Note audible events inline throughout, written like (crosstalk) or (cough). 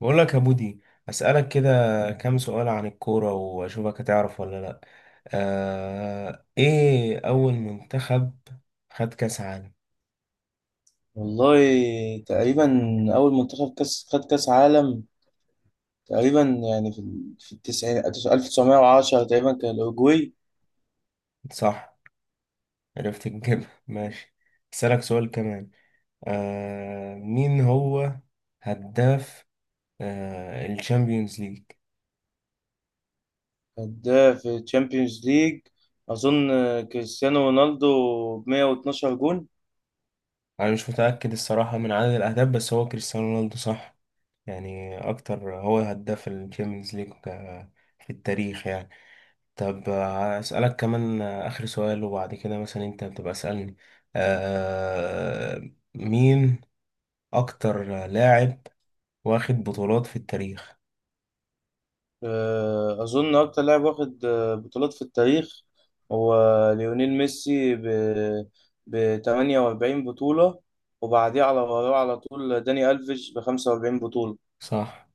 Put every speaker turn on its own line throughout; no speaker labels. بقول لك يا بودي، أسألك كده كام سؤال عن الكورة، وأشوفك هتعرف ولا لأ. إيه أول منتخب خد كأس عالم؟
والله، تقريبا أول منتخب خد كاس عالم تقريبا، يعني في التسعين، 1910 تقريبا كان الأوروجواي.
صح، عرفت تجيبها (laughs) ماشي. أسألك سؤال كمان. مين هو هداف الشامبيونز ليج؟
كان ده في تشامبيونز ليج أظن، كريستيانو رونالدو ب112 جون.
أنا مش متأكد الصراحة من عدد الأهداف، بس هو كريستيانو رونالدو صح. يعني أكتر هو هداف الشامبيونز ليج في التاريخ يعني. طب هسألك كمان آخر سؤال، وبعد كده مثلا أنت بتبقى اسألني. آه مين أكتر لاعب واخد بطولات في التاريخ؟
أظن أكتر لاعب واخد بطولات في التاريخ هو ليونيل ميسي ب48 بطولة، وبعديه على وراه على طول داني ألفيش ب45 بطولة.
صح،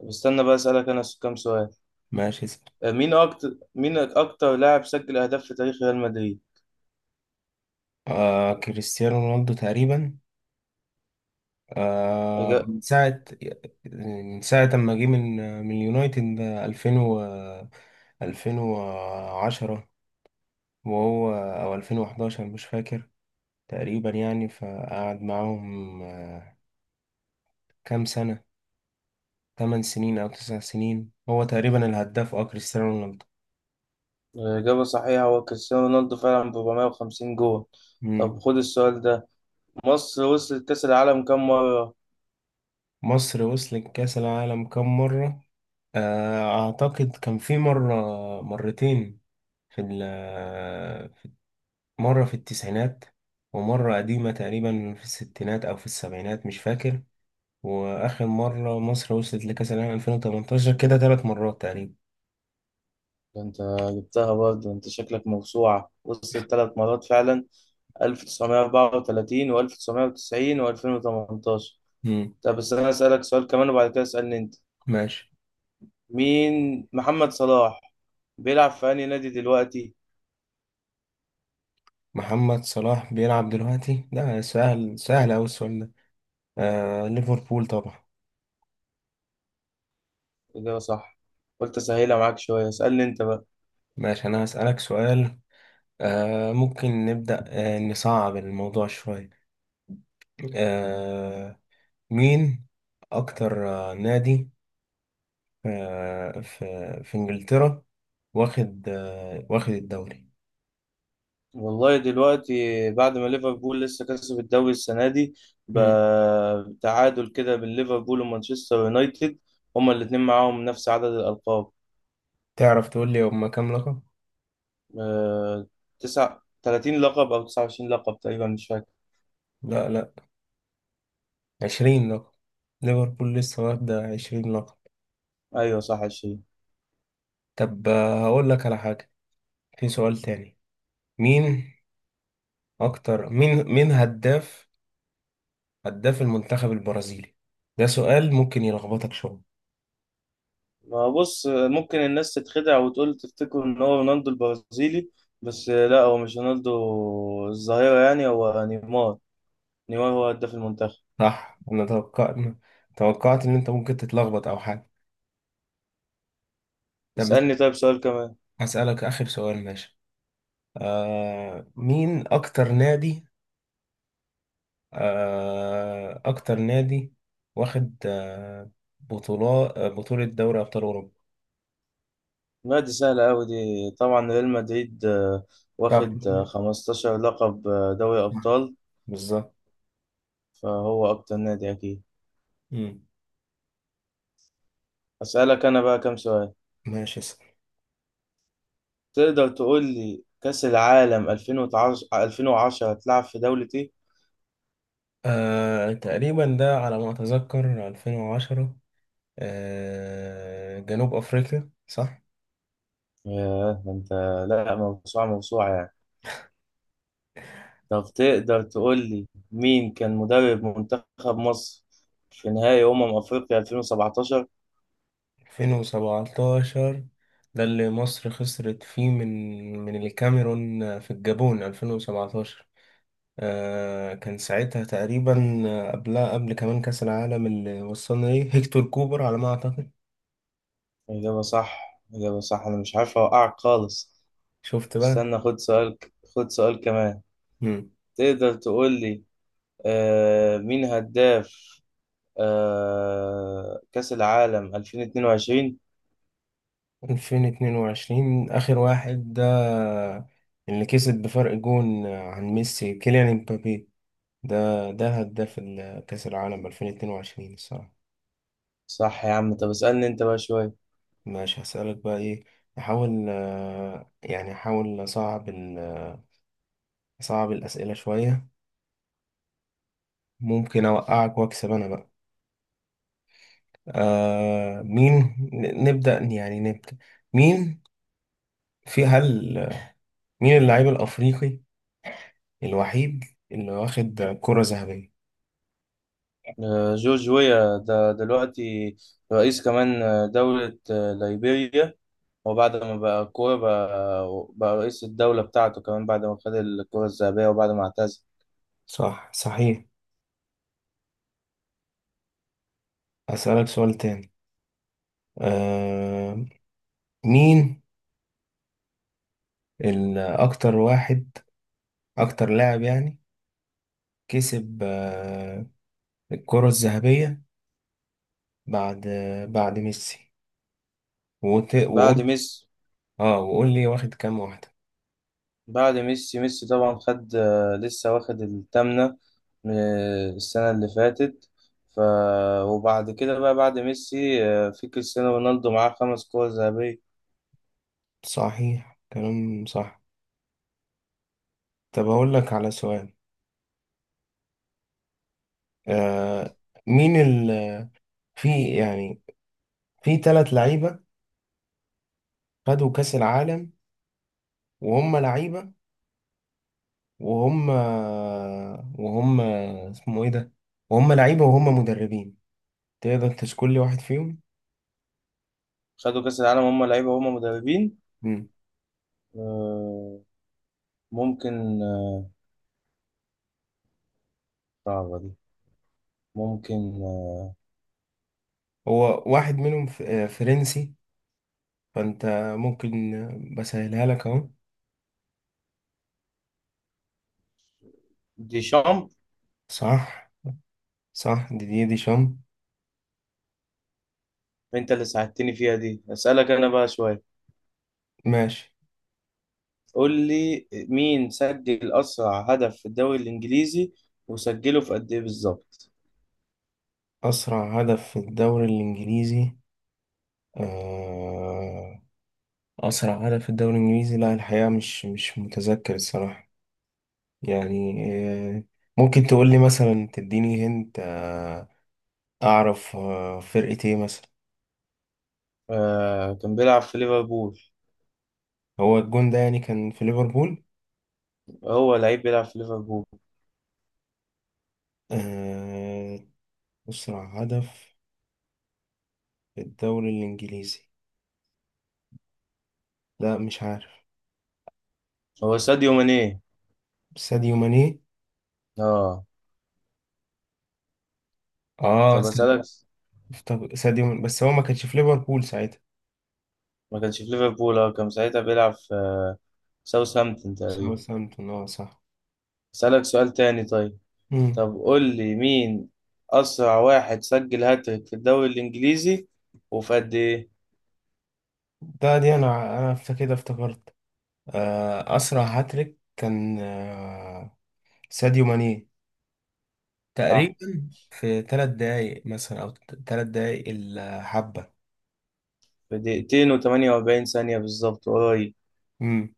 طب استنى بقى، أسألك أنا كام سؤال.
ماشي اسأل.
مين أكتر لاعب سجل أهداف في تاريخ ريال مدريد؟
كريستيانو رونالدو تقريبا،
إجا-
من ساعة ما جه من اليونايتد 2000 و 2010، وهو أو 2011 مش فاكر، تقريبا يعني. فقعد معاهم كام سنة، 8 سنين أو 9 سنين، هو تقريبا الهداف كريستيانو رونالدو.
إجابة صحيحة، هو كريستيانو رونالدو فعلا ب 450 جول.
مم.
طب خد السؤال ده، مصر وصلت كأس العالم كم مرة؟
مصر وصلت كأس العالم كم مرة؟ أعتقد كان في مرة، مرتين، في ال- مرة في التسعينات، ومرة قديمة تقريبا في الستينات أو في السبعينات مش فاكر، وآخر مرة مصر وصلت لكأس العالم 2018. كده 3 مرات تقريبا.
ده أنت جبتها برضه، أنت شكلك موسوعة، وصلت ثلاث مرات فعلا، 1934 و1990 و2018.
مم.
طب بس أنا أسألك سؤال كمان وبعد كده اسألني أنت.
ماشي.
مين محمد صلاح بيلعب في أنهي نادي دلوقتي؟
محمد صلاح بيلعب دلوقتي، ده سهل سهل أوي السؤال ده. ليفربول طبعا.
إجابة صح. قلت أسهلها معاك شوية، اسألني أنت بقى.
ماشي، أنا هسألك سؤال. ممكن نبدأ، نصعب الموضوع شوية. آه مين أكتر نادي في إنجلترا واخد واخد الدوري؟
والله دلوقتي بعد ما ليفربول لسه كسب الدوري السنة دي،
مم.
بتعادل كده بين ليفربول ومانشستر يونايتد. هما الاتنين معاهم نفس عدد الألقاب.
تعرف تقول لي هما كام لقب؟
آه، 30 لقب أو 29 لقب تقريبا، مش فاكر.
لا، لا، 20 لقب. ليفربول لسه واخدة 20 لقب.
أيوه صح، 20.
طب هقول لك على حاجة، في سؤال تاني. مين أكتر، مين هداف المنتخب البرازيلي؟ ده سؤال ممكن يلخبطك شوية.
ما بص، ممكن الناس تتخدع وتقول تفتكر إن هو رونالدو البرازيلي، بس لا، هو مش رونالدو الظاهرة يعني، هو نيمار. نيمار هو هداف المنتخب.
صح، انا توقعت، ان انت ممكن تتلخبط او حاجه. طب بس،
اسألني طيب سؤال كمان.
هسألك اخر سؤال، ماشي. مين اكتر نادي، آه اكتر نادي واخد بطولة دوري ابطال اوروبا؟
لا دي سهلة أوي، دي طبعا ريال مدريد،
صح،
واخد 15 لقب دوري
صح،
أبطال،
بالظبط.
فهو أكتر نادي أكيد.
مم.
أسألك أنا بقى كام سؤال.
ماشي اسأل.
تقدر تقول لي كأس العالم 2010، 2010 هتلعب في دولة إيه؟
تقريبا ده على ما اتذكر 2010، جنوب افريقيا صح.
ياه ده أنت، لا موسوعة موسوعة يعني. طب تقدر تقول لي مين كان مدرب منتخب مصر في نهائي أمم أفريقيا 2017؟
2017، ده اللي مصر خسرت فيه من الكاميرون في الجابون 2017. كان ساعتها تقريبا، قبلها قبل كمان كأس العالم اللي وصلنا ليه، هيكتور كوبر على ما أعتقد.
إجابة صح. إجابة صح. أنا مش عارف أوقعك خالص.
شفت بقى.
استنى خد سؤال. خد سؤال كمان.
مم.
تقدر تقول لي مين هداف كأس العالم 2022.
2022 آخر واحد ده، اللي كسب بفرق جون عن ميسي، كيليان امبابي، ده ده هداف كأس العالم 2022 الصراحة.
صح يا عم، طب اسألني انت بقى شوية.
ماشي هسألك بقى ايه، احاول يعني احاول اصعب اصعب الأسئلة شوية، ممكن اوقعك واكسب انا بقى. مين، نبدأ يعني نبدأ. مين في هل مين اللاعب الأفريقي الوحيد اللي واخد كرة ذهبية؟
آه جورج ويا ده دلوقتي رئيس كمان دولة ليبيريا. وبعد ما بقى كورة بقى رئيس الدولة بتاعته كمان، بعد ما خد الكرة الذهبية وبعد ما اعتزل.
صح، صحيح. هسألك سؤال تاني. آه مين، الأكتر واحد أكتر لاعب يعني، كسب الكرة الذهبية بعد، ميسي،
بعد
وقول،
ميسي
اه وقول لي واخد كام واحدة.
بعد ميسي ميسي طبعا خد، لسه واخد التامنة من السنة اللي فاتت. ف وبعد كده بقى بعد ميسي، في كريستيانو رونالدو معاه خمس كور ذهبية.
صحيح، كلام صح. طب اقول لك على سؤال. آه مين في يعني، في ثلاث لعيبة خدوا كأس العالم، وهم لعيبة وهم وهم اسمه ايه ده، وهم لعيبة وهم مدربين. تقدر تشكل لي واحد فيهم؟
خدوا كأس العالم هم لعيبة هم مدربين.
مم.
آه، ممكن، صعبة دي، ممكن، آه،
هو واحد منهم، فرنسي. فانت ممكن بسهلها لك اهو.
ديشامب.
صح، دي شام.
انت اللي ساعدتني فيها دي، اسألك انا بقى شوية.
ماشي.
قول لي مين سجل أسرع هدف في الدوري الإنجليزي وسجله في قد إيه بالظبط.
أسرع هدف في الدوري الإنجليزي. آه أسرع هدف في الدوري الإنجليزي، لا الحقيقة مش متذكر الصراحة يعني. آه ممكن تقول لي مثلا، تديني هنت أعرف فرقة إيه مثلا.
كان بيلعب في ليفربول.
هو الجون ده يعني كان في ليفربول؟
هو لعيب بيلعب في ليفربول.
آه أسرع هدف في الدوري الإنجليزي، لا مش عارف.
هو ساديو ماني.
ساديو ماني.
اه. طب
ساديو.
اسالك.
ساديو ماني. بس هو ما كانش في ليفربول ساعتها.
ما كانش في ليفربول، اه كان ساعتها بيلعب في ساوثهامبتون تقريبا.
ساوثهامبتون صح.
اسالك سؤال تاني طيب.
مم.
طب قول لي مين اسرع واحد سجل هاتريك في الدوري الانجليزي وفي قد ايه.
ده، دي انا انا كده افتكرت. اسرع هاتريك كان ساديو ماني، تقريبا
صح.
في 3 دقايق مثلا، او 3 دقايق الحبه.
في دقيقتين و48 ثانية بالظبط، قريب.
امم.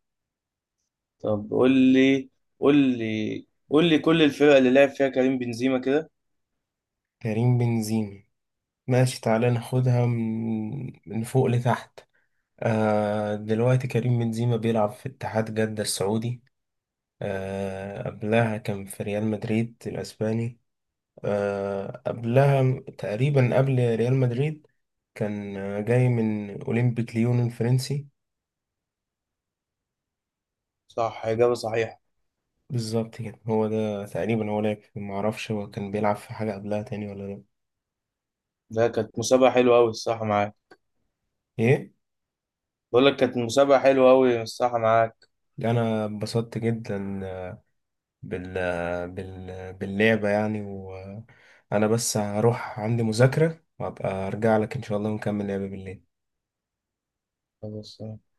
طب قول لي قول لي كل الفرق اللي لعب فيها كريم بنزيما كده.
كريم بنزيما، ماشي تعالى ناخدها من فوق لتحت. دلوقتي كريم بنزيما بيلعب في اتحاد جدة السعودي. قبلها كان في ريال مدريد الاسباني. قبلها تقريبا قبل ريال مدريد، كان جاي من أولمبيك ليون الفرنسي.
صح إجابة صحيحة.
بالظبط كده، هو ده تقريبا. هو معرفش هو كان بيلعب في حاجة قبلها تاني ولا لأ.
ده كانت مسابقة حلوة أوي، الصح معاك.
إيه؟
بقول لك كانت مسابقة حلوة أوي الصراحة معاك.
أنا اتبسطت جدا باللعبة يعني. وأنا بس هروح، عندي مذاكرة، وأبقى أرجع لك إن شاء الله ونكمل لعبة بالليل.
بس